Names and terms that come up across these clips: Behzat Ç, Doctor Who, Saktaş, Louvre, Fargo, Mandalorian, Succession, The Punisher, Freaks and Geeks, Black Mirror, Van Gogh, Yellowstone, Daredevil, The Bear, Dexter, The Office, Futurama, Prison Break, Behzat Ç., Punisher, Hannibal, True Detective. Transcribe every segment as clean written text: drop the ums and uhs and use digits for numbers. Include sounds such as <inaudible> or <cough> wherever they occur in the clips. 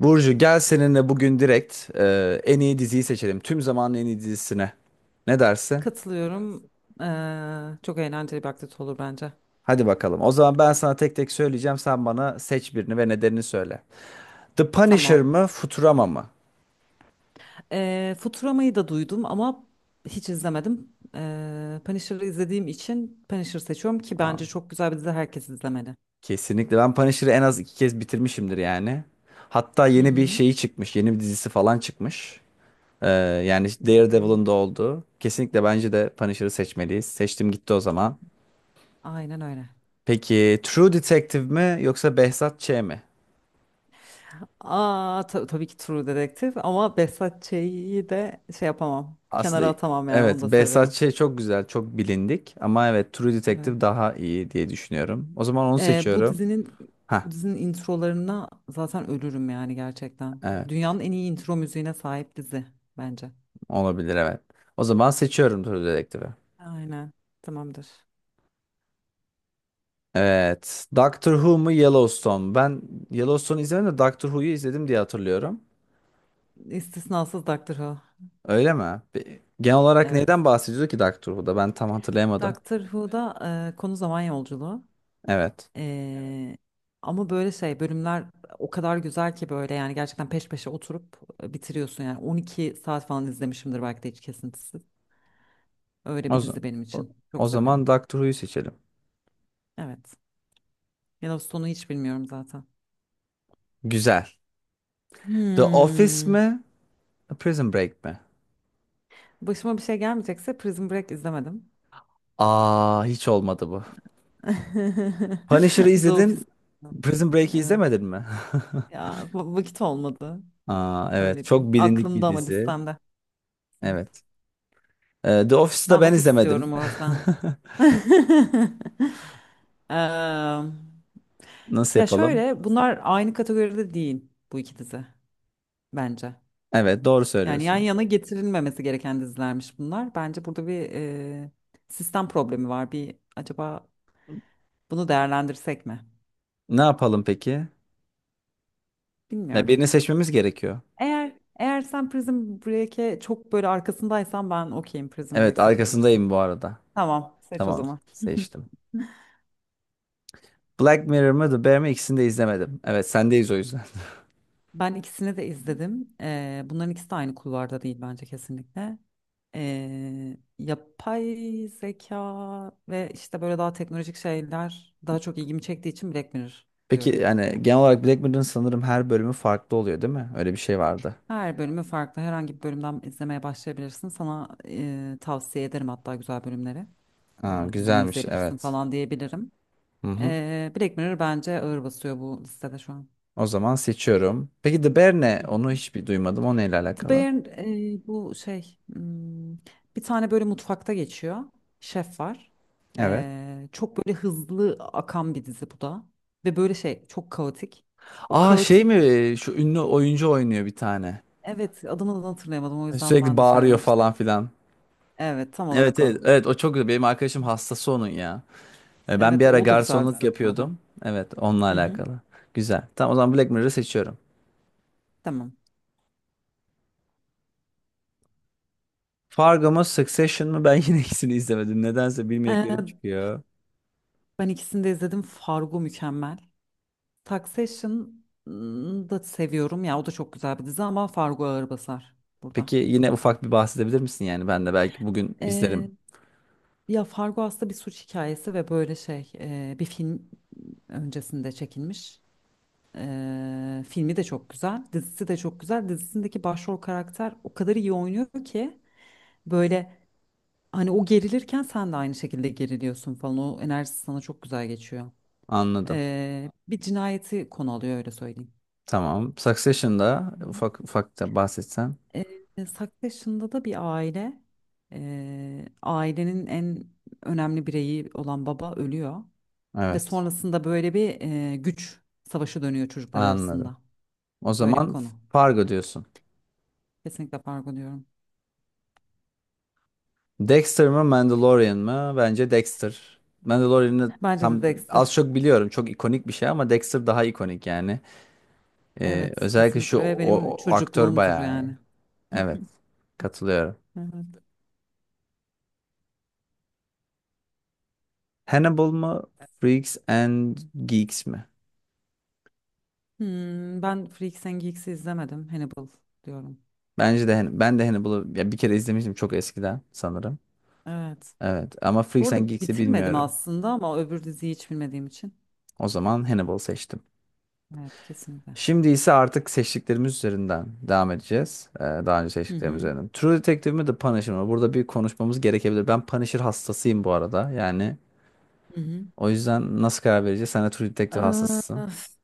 Burcu gel seninle bugün direkt en iyi diziyi seçelim. Tüm zamanın en iyi dizisine. Ne dersin? Katılıyorum. Çok eğlenceli bir aktivite olur bence. Hadi bakalım. O zaman ben sana tek tek söyleyeceğim. Sen bana seç birini ve nedenini söyle. The Punisher Tamam. mı, Futurama mı? Futurama'yı da duydum ama hiç izlemedim. Punisher'ı izlediğim için Punisher seçiyorum ki Aa, bence çok güzel bir dizi, herkes izlemeli. kesinlikle. Ben Punisher'ı en az iki kez bitirmişimdir yani. Hatta Hı yeni bir hı. şeyi çıkmış. Yeni bir dizisi falan çıkmış. Ee, Yani Hmm, Daredevil'ın da olduğu. Kesinlikle bence de Punisher'ı seçmeliyiz. Seçtim gitti o zaman. aynen öyle. Peki True Detective mi yoksa Behzat Ç. mi? Aa, tabii ki True Detective, ama Behzat Ç'yi de şey yapamam. Aslında Kenara atamam, yani evet, onu da Behzat seviyorum. Ç. çok güzel, çok bilindik ama evet, True Evet. Detective daha iyi diye düşünüyorum. O zaman onu Ee, bu seçiyorum. dizinin bu Ha, dizinin introlarına zaten ölürüm, yani gerçekten. evet, Dünyanın en iyi intro müziğine sahip dizi bence. olabilir evet. O zaman seçiyorum True Detective'i. Aynen. Tamamdır. Evet. Doctor Who mu Yellowstone mu? Ben Yellowstone'u izlemedim de Doctor Who'yu izledim diye hatırlıyorum. İstisnasız Doctor Who. Öyle mi? Genel olarak Evet. neyden bahsediyordu ki Doctor Who'da? Ben tam hatırlayamadım. Doctor Who'da konu zaman yolculuğu. Evet. Ee, Ama böyle şey bölümler o kadar güzel ki, böyle yani gerçekten peş peşe oturup bitiriyorsun, yani 12 saat falan izlemişimdir belki de, hiç kesintisiz. Öyle O, bir z- dizi benim o, için. Çok o severim. zaman Doctor Who'yu seçelim. Evet. Yellowstone'u hiç bilmiyorum zaten. Güzel. The Office Hmm. mi? Prison Break mi? Başıma bir şey gelmeyecekse, Prison Break izlemedim. Aa, hiç olmadı bu. <laughs> Punisher'ı The Office izledin, izlemedim. Prison Break'i Evet. izlemedin mi? Ya vakit olmadı. <laughs> Aa, evet, Öyle diyeyim. çok bilindik bir Aklımda ama dizi. listemde. Evet. Evet. The Office'ı da Ben ben ofis izlemedim. diyorum o yüzden. <laughs> Eee, <laughs> Nasıl Ya yapalım? şöyle, bunlar aynı kategoride değil bu iki dizi bence. Evet, doğru Yani yan söylüyorsun. yana getirilmemesi gereken dizilermiş bunlar. Bence burada bir sistem problemi var. Bir acaba bunu değerlendirsek mi? Ne yapalım peki? Ya Bilmiyorum. birini seçmemiz gerekiyor. Eğer sen Prison Break'e çok böyle arkasındaysan, ben okeyim, Prison Evet, Break seçebilirsin. arkasındayım bu arada. Tamam, seç o Tamam, zaman. seçtim. Black Mirror mı, The Bear mi? İkisini de izlemedim. Evet, sendeyiz o yüzden. Ben ikisini de izledim. Bunların ikisi de aynı kulvarda değil bence, kesinlikle. Yapay zeka ve işte böyle daha teknolojik şeyler daha çok ilgimi çektiği için Black Mirror <laughs> Peki diyorum. yani genel olarak Black Mirror'ın sanırım her bölümü farklı oluyor, değil mi? Öyle bir şey vardı. Her bölümü farklı. Herhangi bir bölümden izlemeye başlayabilirsin. Sana tavsiye ederim, hatta güzel bölümleri. Ee, Aa, Bunu güzelmiş, izleyebilirsin evet. falan diyebilirim. Hı hı. Black Mirror bence ağır basıyor bu listede şu an. O zaman seçiyorum. Peki The Bear Hı ne? Onu hı. hiç bir duymadım. O neyle The alakalı? Bear bu şey bir tane böyle mutfakta geçiyor. Şef var. Evet. Çok böyle hızlı akan bir dizi bu da. Ve böyle şey çok kaotik. O Aa, şey mi? kaotik, Şu ünlü oyuncu oynuyor bir tane. evet, adını da hatırlayamadım, o yüzden Sürekli ben de bağırıyor söylememiştim. falan filan. Evet, tam Evet, olarak evet. o. Evet o çok güzel. Benim arkadaşım hastası onun ya. E, ben bir Evet, ara o da güzel garsonluk dizi bu arada. yapıyordum. Evet onunla Hı hı, alakalı. Güzel. Tamam, o zaman Black Mirror'ı seçiyorum. tamam. Fargo mu Succession mı? Ben yine <laughs> ikisini izlemedim. Nedense Ee, bilmediklerim çıkıyor. Ben ikisini de izledim. Fargo mükemmel. Succession'ı da seviyorum ya, o da çok güzel bir dizi ama Fargo ağır basar burada. Peki yine ufak bir bahsedebilir misin yani? Ben de belki bugün Ee, izlerim. Ya Fargo aslında bir suç hikayesi ve böyle şey, bir film öncesinde çekilmiş. Filmi de çok güzel, dizisi de çok güzel. Dizisindeki başrol karakter o kadar iyi oynuyor ki, böyle hani o gerilirken sen de aynı şekilde geriliyorsun falan. O enerjisi sana çok güzel geçiyor. Anladım. Bir cinayeti konu alıyor, öyle söyleyeyim. Tamam. Succession'da Hı hı. ufak ufak da bahsetsen. Saktaş'ında da bir aile, ailenin en önemli bireyi olan baba ölüyor ve Evet. sonrasında böyle bir güç savaşı dönüyor çocuklar Anladım. arasında. O Böyle bir zaman konu. Fargo diyorsun. Kesinlikle fark diyorum. Dexter mı Mandalorian mı? Bence Dexter. Mandalorian'ı Bence de tam Dexter. az çok biliyorum. Çok ikonik bir şey ama Dexter daha ikonik yani. Evet, Özellikle kesinlikle şu ve benim o aktör çocukluğumdur bayağı iyi. yani. Evet. <laughs> Katılıyorum. Evet. Hannibal mı? Freaks and Geeks mi? Ben Freaks and Geeks'i izlemedim. Hannibal diyorum. Bence de ben de Hannibal'ı ya bir kere izlemiştim çok eskiden sanırım. Evet. Evet ama Bu Freaks arada and Geeks'i bitirmedim bilmiyorum. aslında, ama öbür diziyi hiç bilmediğim için. O zaman Hannibal seçtim. Evet, kesinlikle. Şimdi ise artık seçtiklerimiz üzerinden devam edeceğiz. Daha önce Hı seçtiklerimiz hı. üzerinden. True Detective mi The Punisher mı? Burada bir konuşmamız gerekebilir. Ben Punisher hastasıyım bu arada. Yani Hı hı. o yüzden nasıl karar vereceğiz? Sen de True Detective hastasısın. Öf,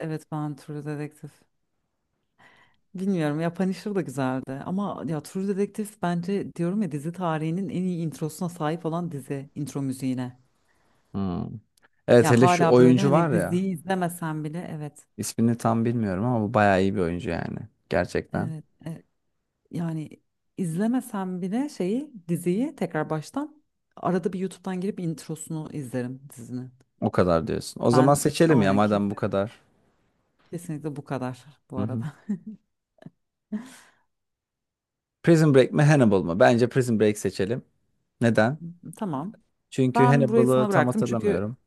evet, ben True Detective. Bilmiyorum ya, Punisher da güzeldi ama ya, True Detective bence diyorum ya, dizi tarihinin en iyi introsuna sahip olan dizi, intro müziğine. Hmm. Evet, Ya hele şu hala böyle oyuncu var hani, ya. diziyi izlemesen bile, evet, İsmini tam bilmiyorum ama bu bayağı iyi bir oyuncu yani. Gerçekten. evet, yani izlemesen bile şeyi diziyi tekrar baştan arada bir YouTube'dan girip introsunu izlerim dizinin. O kadar diyorsun. O zaman Ben seçelim ya aynen, madem bu kesin, kadar. kesinlikle bu kadar bu Hı hı. arada. Prison Break mi Hannibal mı? Bence Prison Break seçelim. Neden? <laughs> Tamam. Çünkü Ben burayı Hannibal'ı sana tam bıraktım çünkü hatırlamıyorum.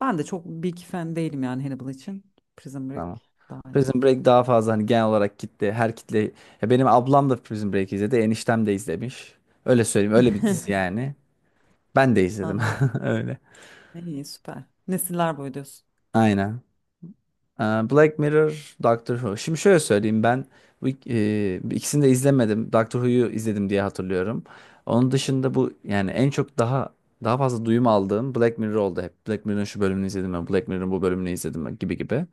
ben de çok big fan değilim yani Hannibal için. Prison Break Tamam. daha iyi. Prison Break daha fazla hani genel olarak kitle, her kitle, ya benim ablam da Prison Break izledi, eniştem de izlemiş, öyle söyleyeyim, öyle bir dizi <laughs> yani. Ben de izledim Anladım. <laughs> öyle, İyi, süper. Nesiller boyu diyorsun. aynen. Black Mirror, Doctor Who, şimdi şöyle söyleyeyim ben bu ik- ikisini de izlemedim, Doctor Who'yu izledim diye hatırlıyorum. Onun dışında bu yani en çok daha fazla duyum aldığım Black Mirror oldu. Hep Black Mirror'ın şu bölümünü izledim ben, Black Mirror'ın bu bölümünü izledim ben gibi gibi.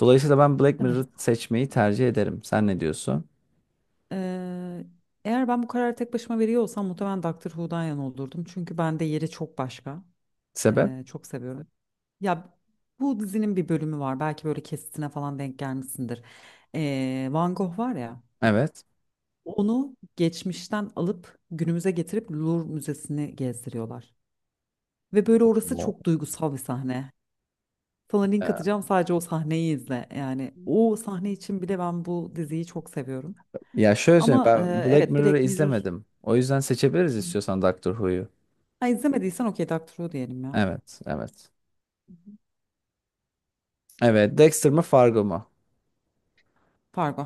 Dolayısıyla ben Black Mirror'ı Evet. seçmeyi tercih ederim, sen ne diyorsun Ee, Eğer ben bu kararı tek başıma veriyor olsam, muhtemelen Doctor Who'dan yana olurdum. Çünkü bende yeri çok başka. sebep? Çok seviyorum. Ya, bu dizinin bir bölümü var. Belki böyle kesitine falan denk gelmişsindir. Van Gogh var ya. Evet. Onu geçmişten alıp günümüze getirip Louvre Müzesi'ni gezdiriyorlar. Ve böyle orası Wow. çok duygusal bir sahne. Sana link Ya, atacağım, sadece o sahneyi izle. Yani o sahne için bile ben bu diziyi çok seviyorum. ya şöyle söyleyeyim, Ama ben Black evet, Mirror'ı Black Mirror, izlemedim. O yüzden seçebiliriz istiyorsan Doctor Who'yu. ha, izlemediysen okey, Doctor Who diyelim ya. Evet, evet. Hı hı. Evet, Dexter mı Fargo mu? Fargo.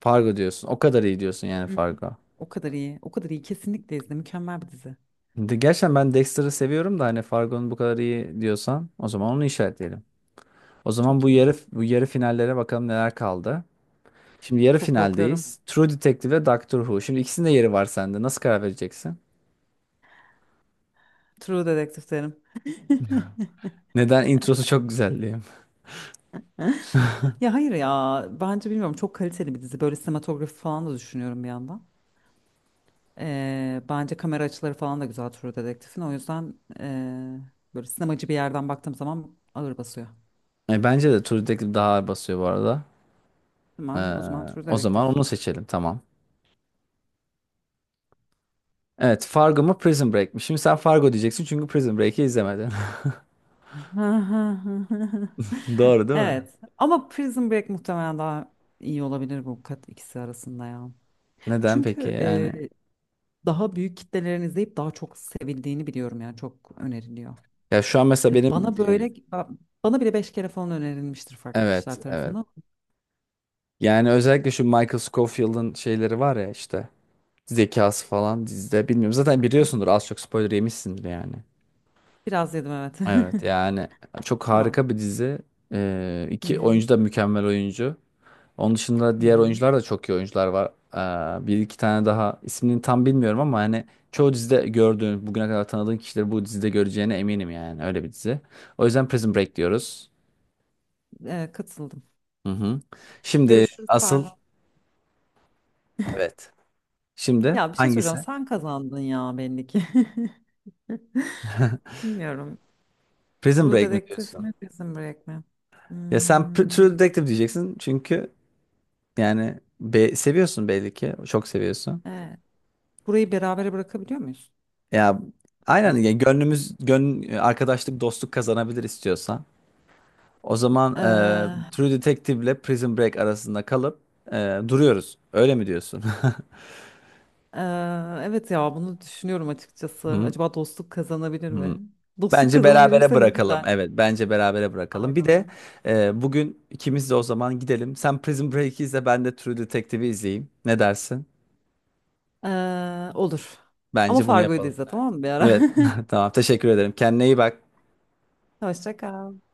Fargo diyorsun. O kadar iyi diyorsun yani Hı hı. Fargo. O kadar iyi. O kadar iyi. Kesinlikle izle. Mükemmel bir dizi. Gerçekten ben Dexter'ı seviyorum da hani Fargo'nun bu kadar iyi diyorsan o zaman onu işaretleyelim. O zaman Çok bu iyi. Yarı finallere bakalım, neler kaldı. Şimdi yarı Çok korkuyorum. finaldeyiz. True Detective ve Doctor Who. Şimdi ikisinin de yeri var sende. Nasıl karar vereceksin? True Detective derim. <laughs> Neden, introsu çok güzel diyeyim. Ya hayır ya. Bence bilmiyorum. Çok kaliteli bir dizi. Böyle sinematografi falan da düşünüyorum bir yandan. Bence kamera açıları falan da güzel True Detective'in. O yüzden böyle sinemacı bir yerden baktığım zaman ağır basıyor. E, bence de True Detective daha ağır basıyor bu arada. Ee, Tamam, o zaman True O zaman Detective. onu seçelim, tamam. Evet, Fargo mu Prison Break mi? Şimdi sen Fargo diyeceksin çünkü Prison Break'i izlemedin. <laughs> <laughs> Doğru değil mi? Evet, ama Prison Break muhtemelen daha iyi olabilir bu kat ikisi arasında ya. Neden peki Çünkü yani? daha büyük kitlelerin izleyip daha çok sevildiğini biliyorum, yani çok öneriliyor. Ya şu an mesela Hani benim bana böyle, bana bile beş kere falan önerilmiştir farklı evet, kişiler evet. tarafından. Yani özellikle şu Michael Scofield'ın şeyleri var ya işte, zekası falan dizide, bilmiyorum. Zaten Hı. biliyorsundur az çok, spoiler yemişsindir yani. Biraz yedim, evet. Evet yani çok <laughs> Tamam. harika bir dizi. Hı İki hı. oyuncu da mükemmel oyuncu. Onun dışında Hı diğer hı. oyuncular da çok iyi oyuncular var. Bir iki tane daha ismini tam bilmiyorum ama hani çoğu dizide gördüğün, bugüne kadar tanıdığın kişileri bu dizide göreceğine eminim yani. Öyle bir dizi. O yüzden Prison Break diyoruz. Katıldım. Hı hı. Şimdi Görüşürüz, asıl pardon. evet. Şimdi Ya, bir şey soracağım. hangisi? Sen kazandın ya, belli ki. <laughs> Bilmiyorum. Prison True Break mi Detective diyorsun? mi, Prison Break mi? Ya sen True Hmm, Detective diyeceksin çünkü yani seviyorsun belli ki. Çok seviyorsun. evet. Burayı berabere bırakabiliyor muyuz? Ya aynen Hayır. ya, gönlümüz arkadaşlık, dostluk kazanabilir istiyorsan. O zaman Ee, True Detective ile Prison Break arasında kalıp duruyoruz. Öyle mi diyorsun? <laughs> ee, evet ya, bunu düşünüyorum açıkçası. Hı, Acaba dostluk kazanabilir hı. mi? Dostluk Bence berabere kazanabilirse ne bırakalım. güzel. Evet, bence berabere bırakalım. Bir de Faydalarım. Bugün ikimiz de o zaman gidelim. Sen Prison Break'i izle, ben de True Detective'i izleyeyim. Ne dersin? Olur. Ama Bence bunu Fargo'yu da yapalım. izle tamam mı, bir ara? Evet, <laughs> tamam. Teşekkür ederim. Kendine iyi bak. <laughs> Hoşça kal.